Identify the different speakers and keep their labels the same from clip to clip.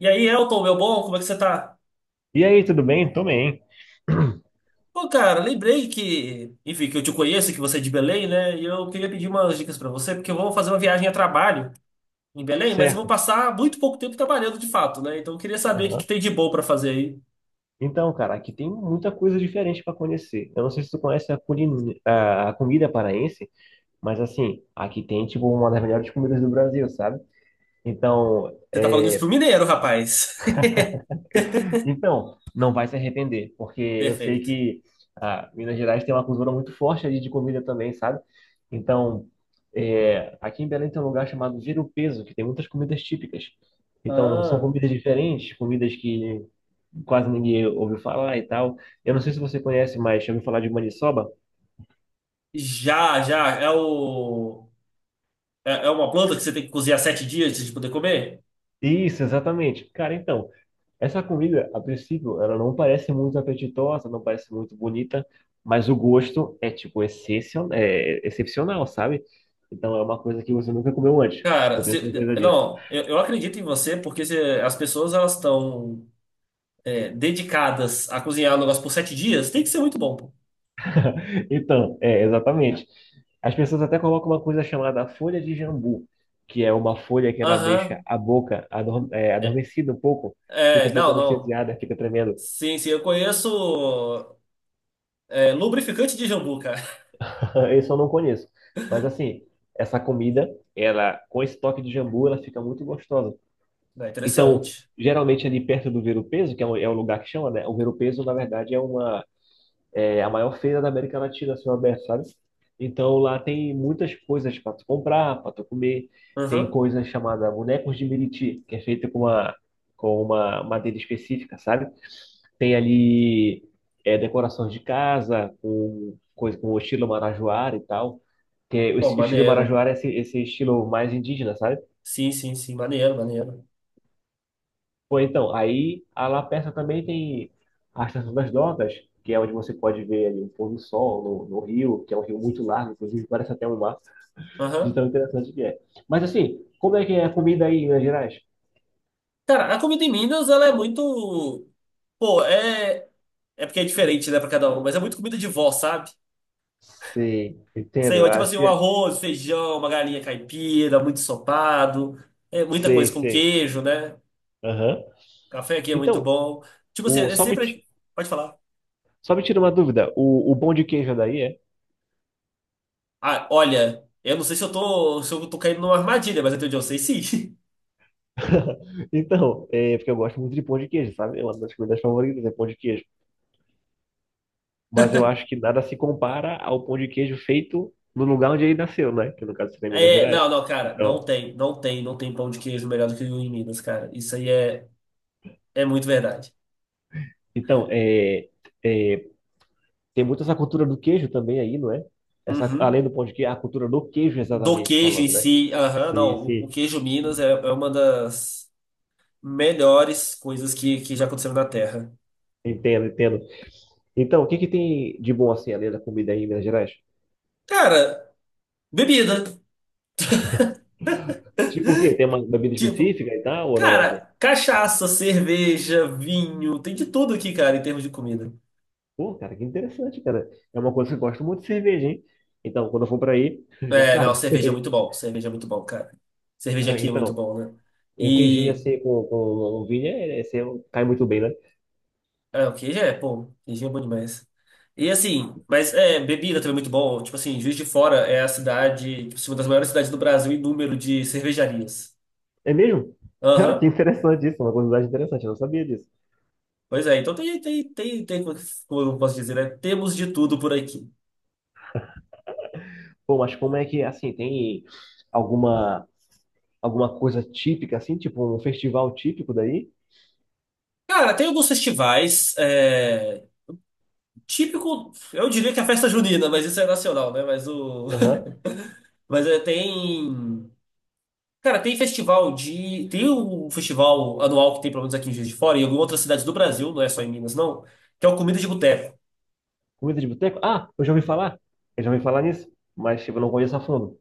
Speaker 1: E aí, Elton, meu bom, como é que você tá?
Speaker 2: E aí, tudo bem? Tô bem.
Speaker 1: Pô, cara, lembrei que, enfim, que eu te conheço, que você é de Belém, né? E eu queria pedir umas dicas pra você, porque eu vou fazer uma viagem a trabalho em Belém, mas eu vou
Speaker 2: Certo.
Speaker 1: passar muito pouco tempo trabalhando de fato, né? Então eu queria saber o que que
Speaker 2: Aham.
Speaker 1: tem de bom pra fazer aí.
Speaker 2: Então, cara, aqui tem muita coisa diferente para conhecer. Eu não sei se tu conhece a, culin... a comida paraense, mas assim, aqui tem tipo uma das melhores comidas do Brasil, sabe? Então,
Speaker 1: Você tá falando isso pro mineiro, rapaz.
Speaker 2: Então, não vai se arrepender, porque eu sei
Speaker 1: Perfeito.
Speaker 2: que Minas Gerais tem uma cultura muito forte ali de comida também, sabe? Então, aqui em Belém tem um lugar chamado Vira o Peso, que tem muitas comidas típicas. Então, são
Speaker 1: Ah,
Speaker 2: comidas diferentes, comidas que quase ninguém ouviu falar e tal. Eu não sei se você conhece, mas já ouviu falar de maniçoba?
Speaker 1: já, já. É o é é uma planta que você tem que cozinhar 7 dias antes de poder comer?
Speaker 2: Isso, exatamente. Cara, então, essa comida, a princípio, ela não parece muito apetitosa, não parece muito bonita, mas o gosto é, tipo, excepcional, sabe? Então é uma coisa que você nunca comeu antes.
Speaker 1: Cara,
Speaker 2: Eu tenho certeza disso.
Speaker 1: não, eu acredito em você. As pessoas elas estão dedicadas a cozinhar o negócio por 7 dias, tem que ser muito bom, pô.
Speaker 2: Então, exatamente. As pessoas até colocam uma coisa chamada folha de jambu, que é uma folha que ela deixa
Speaker 1: Aham.
Speaker 2: a boca
Speaker 1: É,
Speaker 2: adormecida um pouco, fica
Speaker 1: é,
Speaker 2: um pouco
Speaker 1: não, não.
Speaker 2: anestesiada, fica tremendo.
Speaker 1: Sim, sim, eu conheço lubrificante de jambu, cara.
Speaker 2: Isso eu não conheço. Mas assim, essa comida, ela com esse toque de jambu, ela fica muito gostosa.
Speaker 1: É
Speaker 2: Então,
Speaker 1: interessante.
Speaker 2: geralmente ali perto do Ver-o-Peso, que é o lugar que chama, né? O Ver-o-Peso, na verdade, é uma é a maior feira da América Latina, a céu aberto, sabe? Então, lá tem muitas coisas para tu comprar, para tu comer. Tem
Speaker 1: Aham.
Speaker 2: coisa chamada bonecos de Meriti, que é feita com uma madeira específica, sabe? Tem ali decorações de casa, com coisa com o estilo marajoara e tal. Que é, o
Speaker 1: Pô,
Speaker 2: es- o estilo
Speaker 1: maneiro.
Speaker 2: marajoara é esse, estilo mais indígena, sabe?
Speaker 1: Sim, sim, sim, maneiro, maneiro.
Speaker 2: Foi então, aí a La Persa também tem a Estação das Docas, que é onde você pode ver ali o pôr do sol no rio, que é um rio muito largo, inclusive parece até um mar, de
Speaker 1: Aham.
Speaker 2: tão interessante que é. Mas assim, como é que é a comida aí em Minas Gerais?
Speaker 1: Cara, a comida em Minas, ela é muito. Pô, é. É porque é diferente, né, pra cada um, mas é muito comida de vó, sabe?
Speaker 2: Sei, entendo.
Speaker 1: Sei, lá,
Speaker 2: eu
Speaker 1: tipo
Speaker 2: Acho
Speaker 1: assim,
Speaker 2: que
Speaker 1: um
Speaker 2: é.
Speaker 1: arroz, feijão, uma galinha caipira, muito ensopado, muita
Speaker 2: Sei,
Speaker 1: coisa com
Speaker 2: sei.
Speaker 1: queijo, né?
Speaker 2: Aham.
Speaker 1: Café aqui é muito
Speaker 2: Então,
Speaker 1: bom. Tipo assim,
Speaker 2: o,
Speaker 1: é
Speaker 2: só me, ti-
Speaker 1: sempre. Pode falar.
Speaker 2: só me tira uma dúvida, o pão de queijo é daí é?
Speaker 1: Ah, olha, eu não sei se eu tô caindo numa armadilha, mas até onde eu sei, sim.
Speaker 2: Então, é porque eu gosto muito de pão de queijo, sabe? É uma das comidas favoritas é pão de queijo. Mas eu acho que nada se compara ao pão de queijo feito no lugar onde ele nasceu, né? Que no caso seria Minas
Speaker 1: É,
Speaker 2: Gerais.
Speaker 1: não, não, cara, não
Speaker 2: Então,
Speaker 1: tem, não tem, não tem pão de queijo melhor do que o em Minas, cara. Isso aí é muito verdade.
Speaker 2: então, é, tem muito essa cultura do queijo também aí, não é? Essa, além
Speaker 1: Uhum.
Speaker 2: do pão de queijo, a cultura do queijo,
Speaker 1: Do
Speaker 2: exatamente
Speaker 1: queijo em
Speaker 2: falando, né?
Speaker 1: si, aham,
Speaker 2: Sim,
Speaker 1: não, o
Speaker 2: sim,
Speaker 1: queijo Minas é uma das melhores coisas que já aconteceram na Terra.
Speaker 2: entendo, entendo. Então, o que que tem de bom assim, além da comida aí em Minas Gerais?
Speaker 1: Cara, bebida,
Speaker 2: Tipo o quê? Tem uma bebida
Speaker 1: tipo,
Speaker 2: específica e tal, ou não? Assim?
Speaker 1: cara, cachaça, cerveja, vinho, tem de tudo aqui, cara, em termos de comida.
Speaker 2: Pô, cara, que interessante, cara. É uma coisa que eu gosto muito de cerveja, hein? Então, quando eu for pra aí, já
Speaker 1: É, não,
Speaker 2: sabe.
Speaker 1: cerveja é muito bom. Cerveja é muito bom, cara. Cerveja aqui é muito
Speaker 2: Então,
Speaker 1: bom, né?
Speaker 2: um queijinho
Speaker 1: E.
Speaker 2: assim com ovinha é, assim, cai muito bem, né?
Speaker 1: É, o queijo é, pô, queijo é bom demais. E assim, mas bebida também é muito bom. Tipo assim, Juiz de Fora é a cidade, tipo, assim, uma das maiores cidades do Brasil em número de cervejarias.
Speaker 2: É mesmo? Cara, que
Speaker 1: Aham.
Speaker 2: interessante isso, uma curiosidade interessante, eu não sabia disso.
Speaker 1: Pois é, então tem, como eu posso dizer, né? Temos de tudo por aqui.
Speaker 2: Pô, mas como é que, assim, tem alguma, alguma coisa típica, assim, tipo um festival típico daí?
Speaker 1: Cara, tem alguns festivais, típico, eu diria que é a festa junina, mas isso é nacional, né? Mas o.
Speaker 2: Aham.
Speaker 1: Mas é, tem. Cara, tem festival de. Tem um festival anual que tem, pelo menos aqui em Juiz de Fora, e em algumas outras cidades do Brasil, não é só em Minas, não, que é o Comida de Boteco.
Speaker 2: Comida de boteco? Ah, eu já ouvi falar. Eu já ouvi falar nisso, mas tipo, eu não conheço a fundo.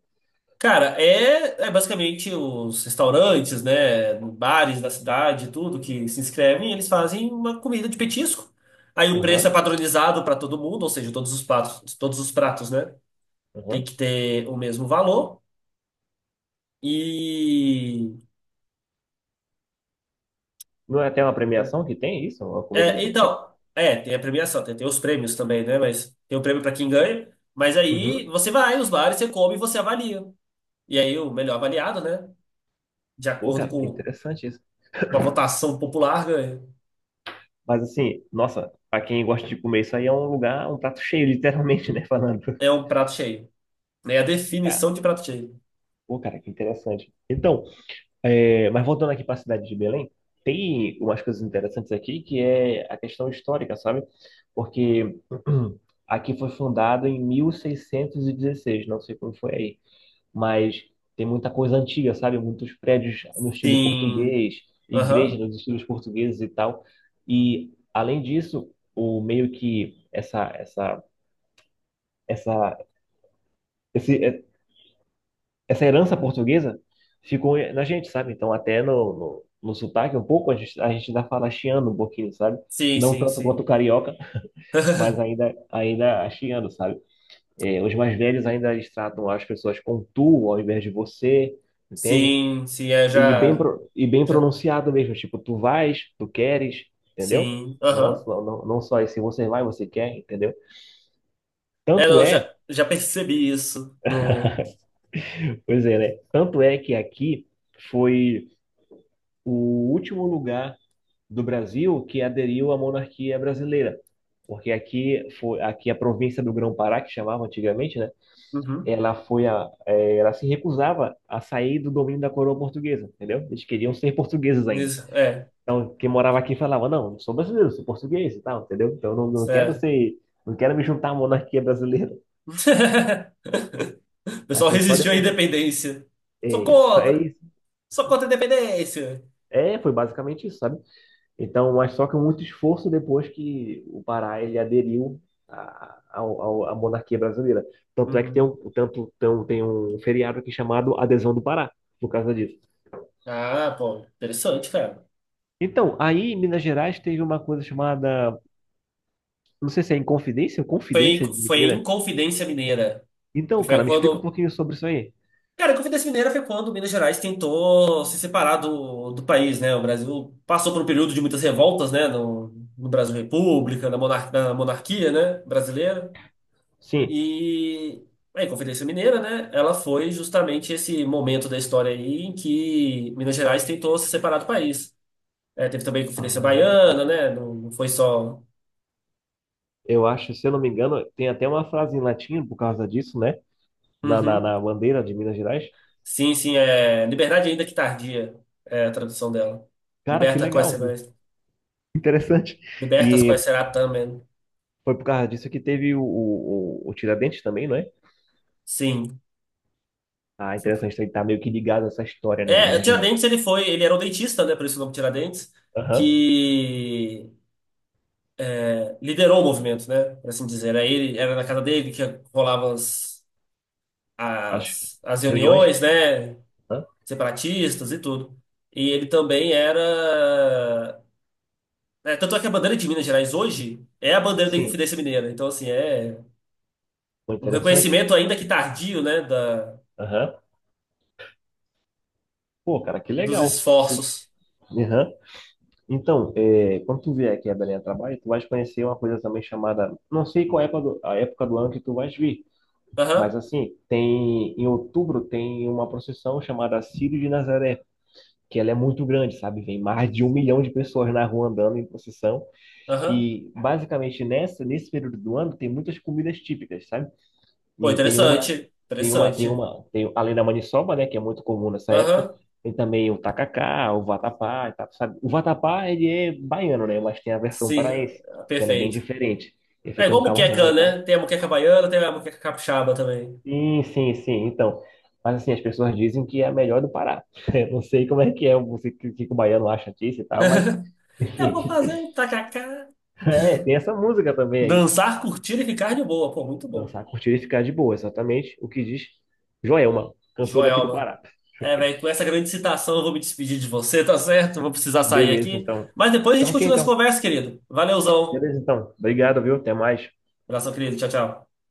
Speaker 1: Cara, é basicamente os restaurantes, né, bares da cidade, tudo que se inscrevem, eles fazem uma comida de petisco. Aí o preço é
Speaker 2: Aham,
Speaker 1: padronizado para todo mundo, ou seja, todos os pratos, né, tem
Speaker 2: aham.
Speaker 1: que ter o mesmo valor. E
Speaker 2: Não é até uma premiação que tem isso? Uma comida de
Speaker 1: É,
Speaker 2: boteco?
Speaker 1: então, é, tem a premiação, tem os prêmios também, né? Mas tem o prêmio pra quem ganha. Mas aí
Speaker 2: Uhum.
Speaker 1: você vai nos bares, você come e você avalia. E aí o melhor avaliado, né? De
Speaker 2: Pô,
Speaker 1: acordo
Speaker 2: cara, que
Speaker 1: com
Speaker 2: interessante isso.
Speaker 1: com a votação popular, ganha.
Speaker 2: Mas assim, nossa, pra quem gosta de comer isso aí é um lugar, um prato cheio, literalmente, né? Falando.
Speaker 1: É um prato cheio, né? É a
Speaker 2: Cara.
Speaker 1: definição de prato cheio.
Speaker 2: Pô, cara, que interessante. Então, mas voltando aqui para a cidade de Belém, tem umas coisas interessantes aqui que é a questão histórica, sabe? Porque aqui foi fundado em 1616, não sei como foi aí, mas tem muita coisa antiga, sabe? Muitos prédios no estilo
Speaker 1: Sim.
Speaker 2: português, igrejas
Speaker 1: Aham.
Speaker 2: nos estilos portugueses e tal. E além disso, o meio que essa esse, essa herança portuguesa ficou na gente, sabe? Então, até no sotaque, um pouco, a gente ainda fala chiando um pouquinho, sabe?
Speaker 1: Sim,
Speaker 2: Não
Speaker 1: sim,
Speaker 2: tanto quanto o
Speaker 1: sim.
Speaker 2: carioca, mas ainda chiando, sabe? É, os mais velhos ainda eles tratam as pessoas com tu ao invés de você, entende?
Speaker 1: Sim, sim,
Speaker 2: E bem,
Speaker 1: já,
Speaker 2: pro- e bem
Speaker 1: já.
Speaker 2: pronunciado mesmo, tipo, tu vais, tu queres, entendeu?
Speaker 1: Sim.
Speaker 2: Não,
Speaker 1: Aham.
Speaker 2: só esse você vai, você quer, entendeu?
Speaker 1: É,
Speaker 2: Tanto
Speaker 1: eu
Speaker 2: é,
Speaker 1: já, já percebi isso no.
Speaker 2: pois é, né? Tanto é que aqui foi o último lugar do Brasil que aderiu à monarquia brasileira, porque aqui foi aqui a província do Grão-Pará que chamava antigamente, né?
Speaker 1: Uhum.
Speaker 2: Ela ela se recusava a sair do domínio da coroa portuguesa, entendeu? Eles queriam ser portugueses ainda.
Speaker 1: Isso, é.
Speaker 2: Então quem morava aqui falava não, eu sou brasileiro, sou português e tal, entendeu? Então eu não quero
Speaker 1: É.
Speaker 2: ser, não quero me juntar à monarquia brasileira.
Speaker 1: O
Speaker 2: Aí
Speaker 1: pessoal
Speaker 2: foi só
Speaker 1: resistiu à
Speaker 2: depois de,
Speaker 1: independência. Sou
Speaker 2: é, só é
Speaker 1: contra!
Speaker 2: isso.
Speaker 1: Sou contra a independência!
Speaker 2: É, foi basicamente isso, sabe? Então, mas só que muito esforço depois que o Pará ele aderiu à monarquia brasileira. Tanto é que tem
Speaker 1: Uhum.
Speaker 2: um, tanto, tão- tem um feriado aqui chamado Adesão do Pará, por causa disso.
Speaker 1: Ah, pô, interessante, cara.
Speaker 2: Então, aí em Minas Gerais teve uma coisa chamada, não sei se é Inconfidência ou
Speaker 1: Foi,
Speaker 2: Confidência
Speaker 1: em- foi em
Speaker 2: Mineira.
Speaker 1: Confidência Mineira. Que
Speaker 2: Então, cara,
Speaker 1: foi
Speaker 2: me explica um
Speaker 1: quando.
Speaker 2: pouquinho sobre isso aí.
Speaker 1: Cara, a Confidência Mineira foi quando Minas Gerais tentou se separar do país, né? O Brasil passou por um período de muitas revoltas, né? No, no Brasil República, na monarquia, né? Brasileira.
Speaker 2: Sim.
Speaker 1: E a Inconfidência Mineira, né? Ela foi justamente esse momento da história aí em que Minas Gerais tentou se separar do país. É, teve também a Inconfidência
Speaker 2: Aham.
Speaker 1: Baiana, né? Não, não foi só.
Speaker 2: Eu acho, se eu não me engano, tem até uma frase em latim por causa disso, né? Na, na,
Speaker 1: Uhum.
Speaker 2: na bandeira de Minas Gerais.
Speaker 1: Sim, sim, é Liberdade ainda que tardia, é a tradução dela.
Speaker 2: Cara, que
Speaker 1: Liberta quais
Speaker 2: legal,
Speaker 1: será,
Speaker 2: interessante.
Speaker 1: libertas quais
Speaker 2: E
Speaker 1: será também.
Speaker 2: foi por causa disso que teve o Tiradentes também, não é?
Speaker 1: Sim.
Speaker 2: Ah, interessante, ele tá meio que ligado a essa história, né, de
Speaker 1: É, o
Speaker 2: Minas Gerais.
Speaker 1: Tiradentes ele era um dentista, né? Por isso o nome Tiradentes,
Speaker 2: Aham.
Speaker 1: que liderou o movimento, né? Por assim dizer. Aí ele era na casa dele que rolavam as,
Speaker 2: As
Speaker 1: as
Speaker 2: reuniões.
Speaker 1: reuniões, né?
Speaker 2: Aham.
Speaker 1: Separatistas e tudo. E ele também era. Tanto é que a bandeira de Minas Gerais hoje é a bandeira da
Speaker 2: Sim,
Speaker 1: Inconfidência Mineira. Então, assim, é
Speaker 2: foi
Speaker 1: um
Speaker 2: interessante.
Speaker 1: reconhecimento ainda que tardio, né? Da,
Speaker 2: Aham. Pô, cara, que
Speaker 1: dos
Speaker 2: legal.
Speaker 1: esforços.
Speaker 2: Aham. Então, quando tu vier aqui a Belém a trabalho, tu vais conhecer uma coisa também chamada, não sei qual é a época do, ano que tu vais vir, mas
Speaker 1: Aham,
Speaker 2: assim, tem, em outubro tem uma procissão chamada Círio de Nazaré, que ela é muito grande, sabe? Vem mais de 1 milhão de pessoas na rua andando em procissão.
Speaker 1: aham.
Speaker 2: E basicamente nesse período do ano tem muitas comidas típicas, sabe?
Speaker 1: Pô,
Speaker 2: E tem uma,
Speaker 1: interessante.
Speaker 2: tem uma, tem
Speaker 1: Interessante.
Speaker 2: uma, tem, além da maniçoba, né, que é muito comum nessa época,
Speaker 1: Aham,
Speaker 2: tem também o tacacá, o vatapá, e tal, sabe? O vatapá ele é baiano, né? Mas tem a versão
Speaker 1: sim,
Speaker 2: paraense, que ela é bem
Speaker 1: perfeito.
Speaker 2: diferente. É
Speaker 1: É
Speaker 2: feita com
Speaker 1: igual
Speaker 2: camarão
Speaker 1: muqueca,
Speaker 2: e tal.
Speaker 1: né? Tem a muqueca baiana, tem a muqueca capixaba também.
Speaker 2: Sim, sim, sim. Então, mas assim, as pessoas dizem que é a melhor do Pará. Eu não sei como é que é, o que, que o baiano acha disso e tal, mas
Speaker 1: Eu vou
Speaker 2: enfim.
Speaker 1: fazer um tacacá.
Speaker 2: É, tem essa música também aí.
Speaker 1: Dançar, curtir e ficar de boa. Pô, muito bom.
Speaker 2: Dançar, curtir e ficar de boa, exatamente o que diz Joelma, cantora aqui do
Speaker 1: Joelma.
Speaker 2: Pará.
Speaker 1: É, velho, com essa grande citação eu vou me despedir de você, tá certo? Vou precisar sair
Speaker 2: Beleza,
Speaker 1: aqui.
Speaker 2: então.
Speaker 1: Mas depois a gente
Speaker 2: Então, ok,
Speaker 1: continua essa
Speaker 2: então.
Speaker 1: conversa, querido. Valeuzão.
Speaker 2: Beleza, então. Obrigado, viu? Até mais.
Speaker 1: Abração, querido. Tchau, tchau.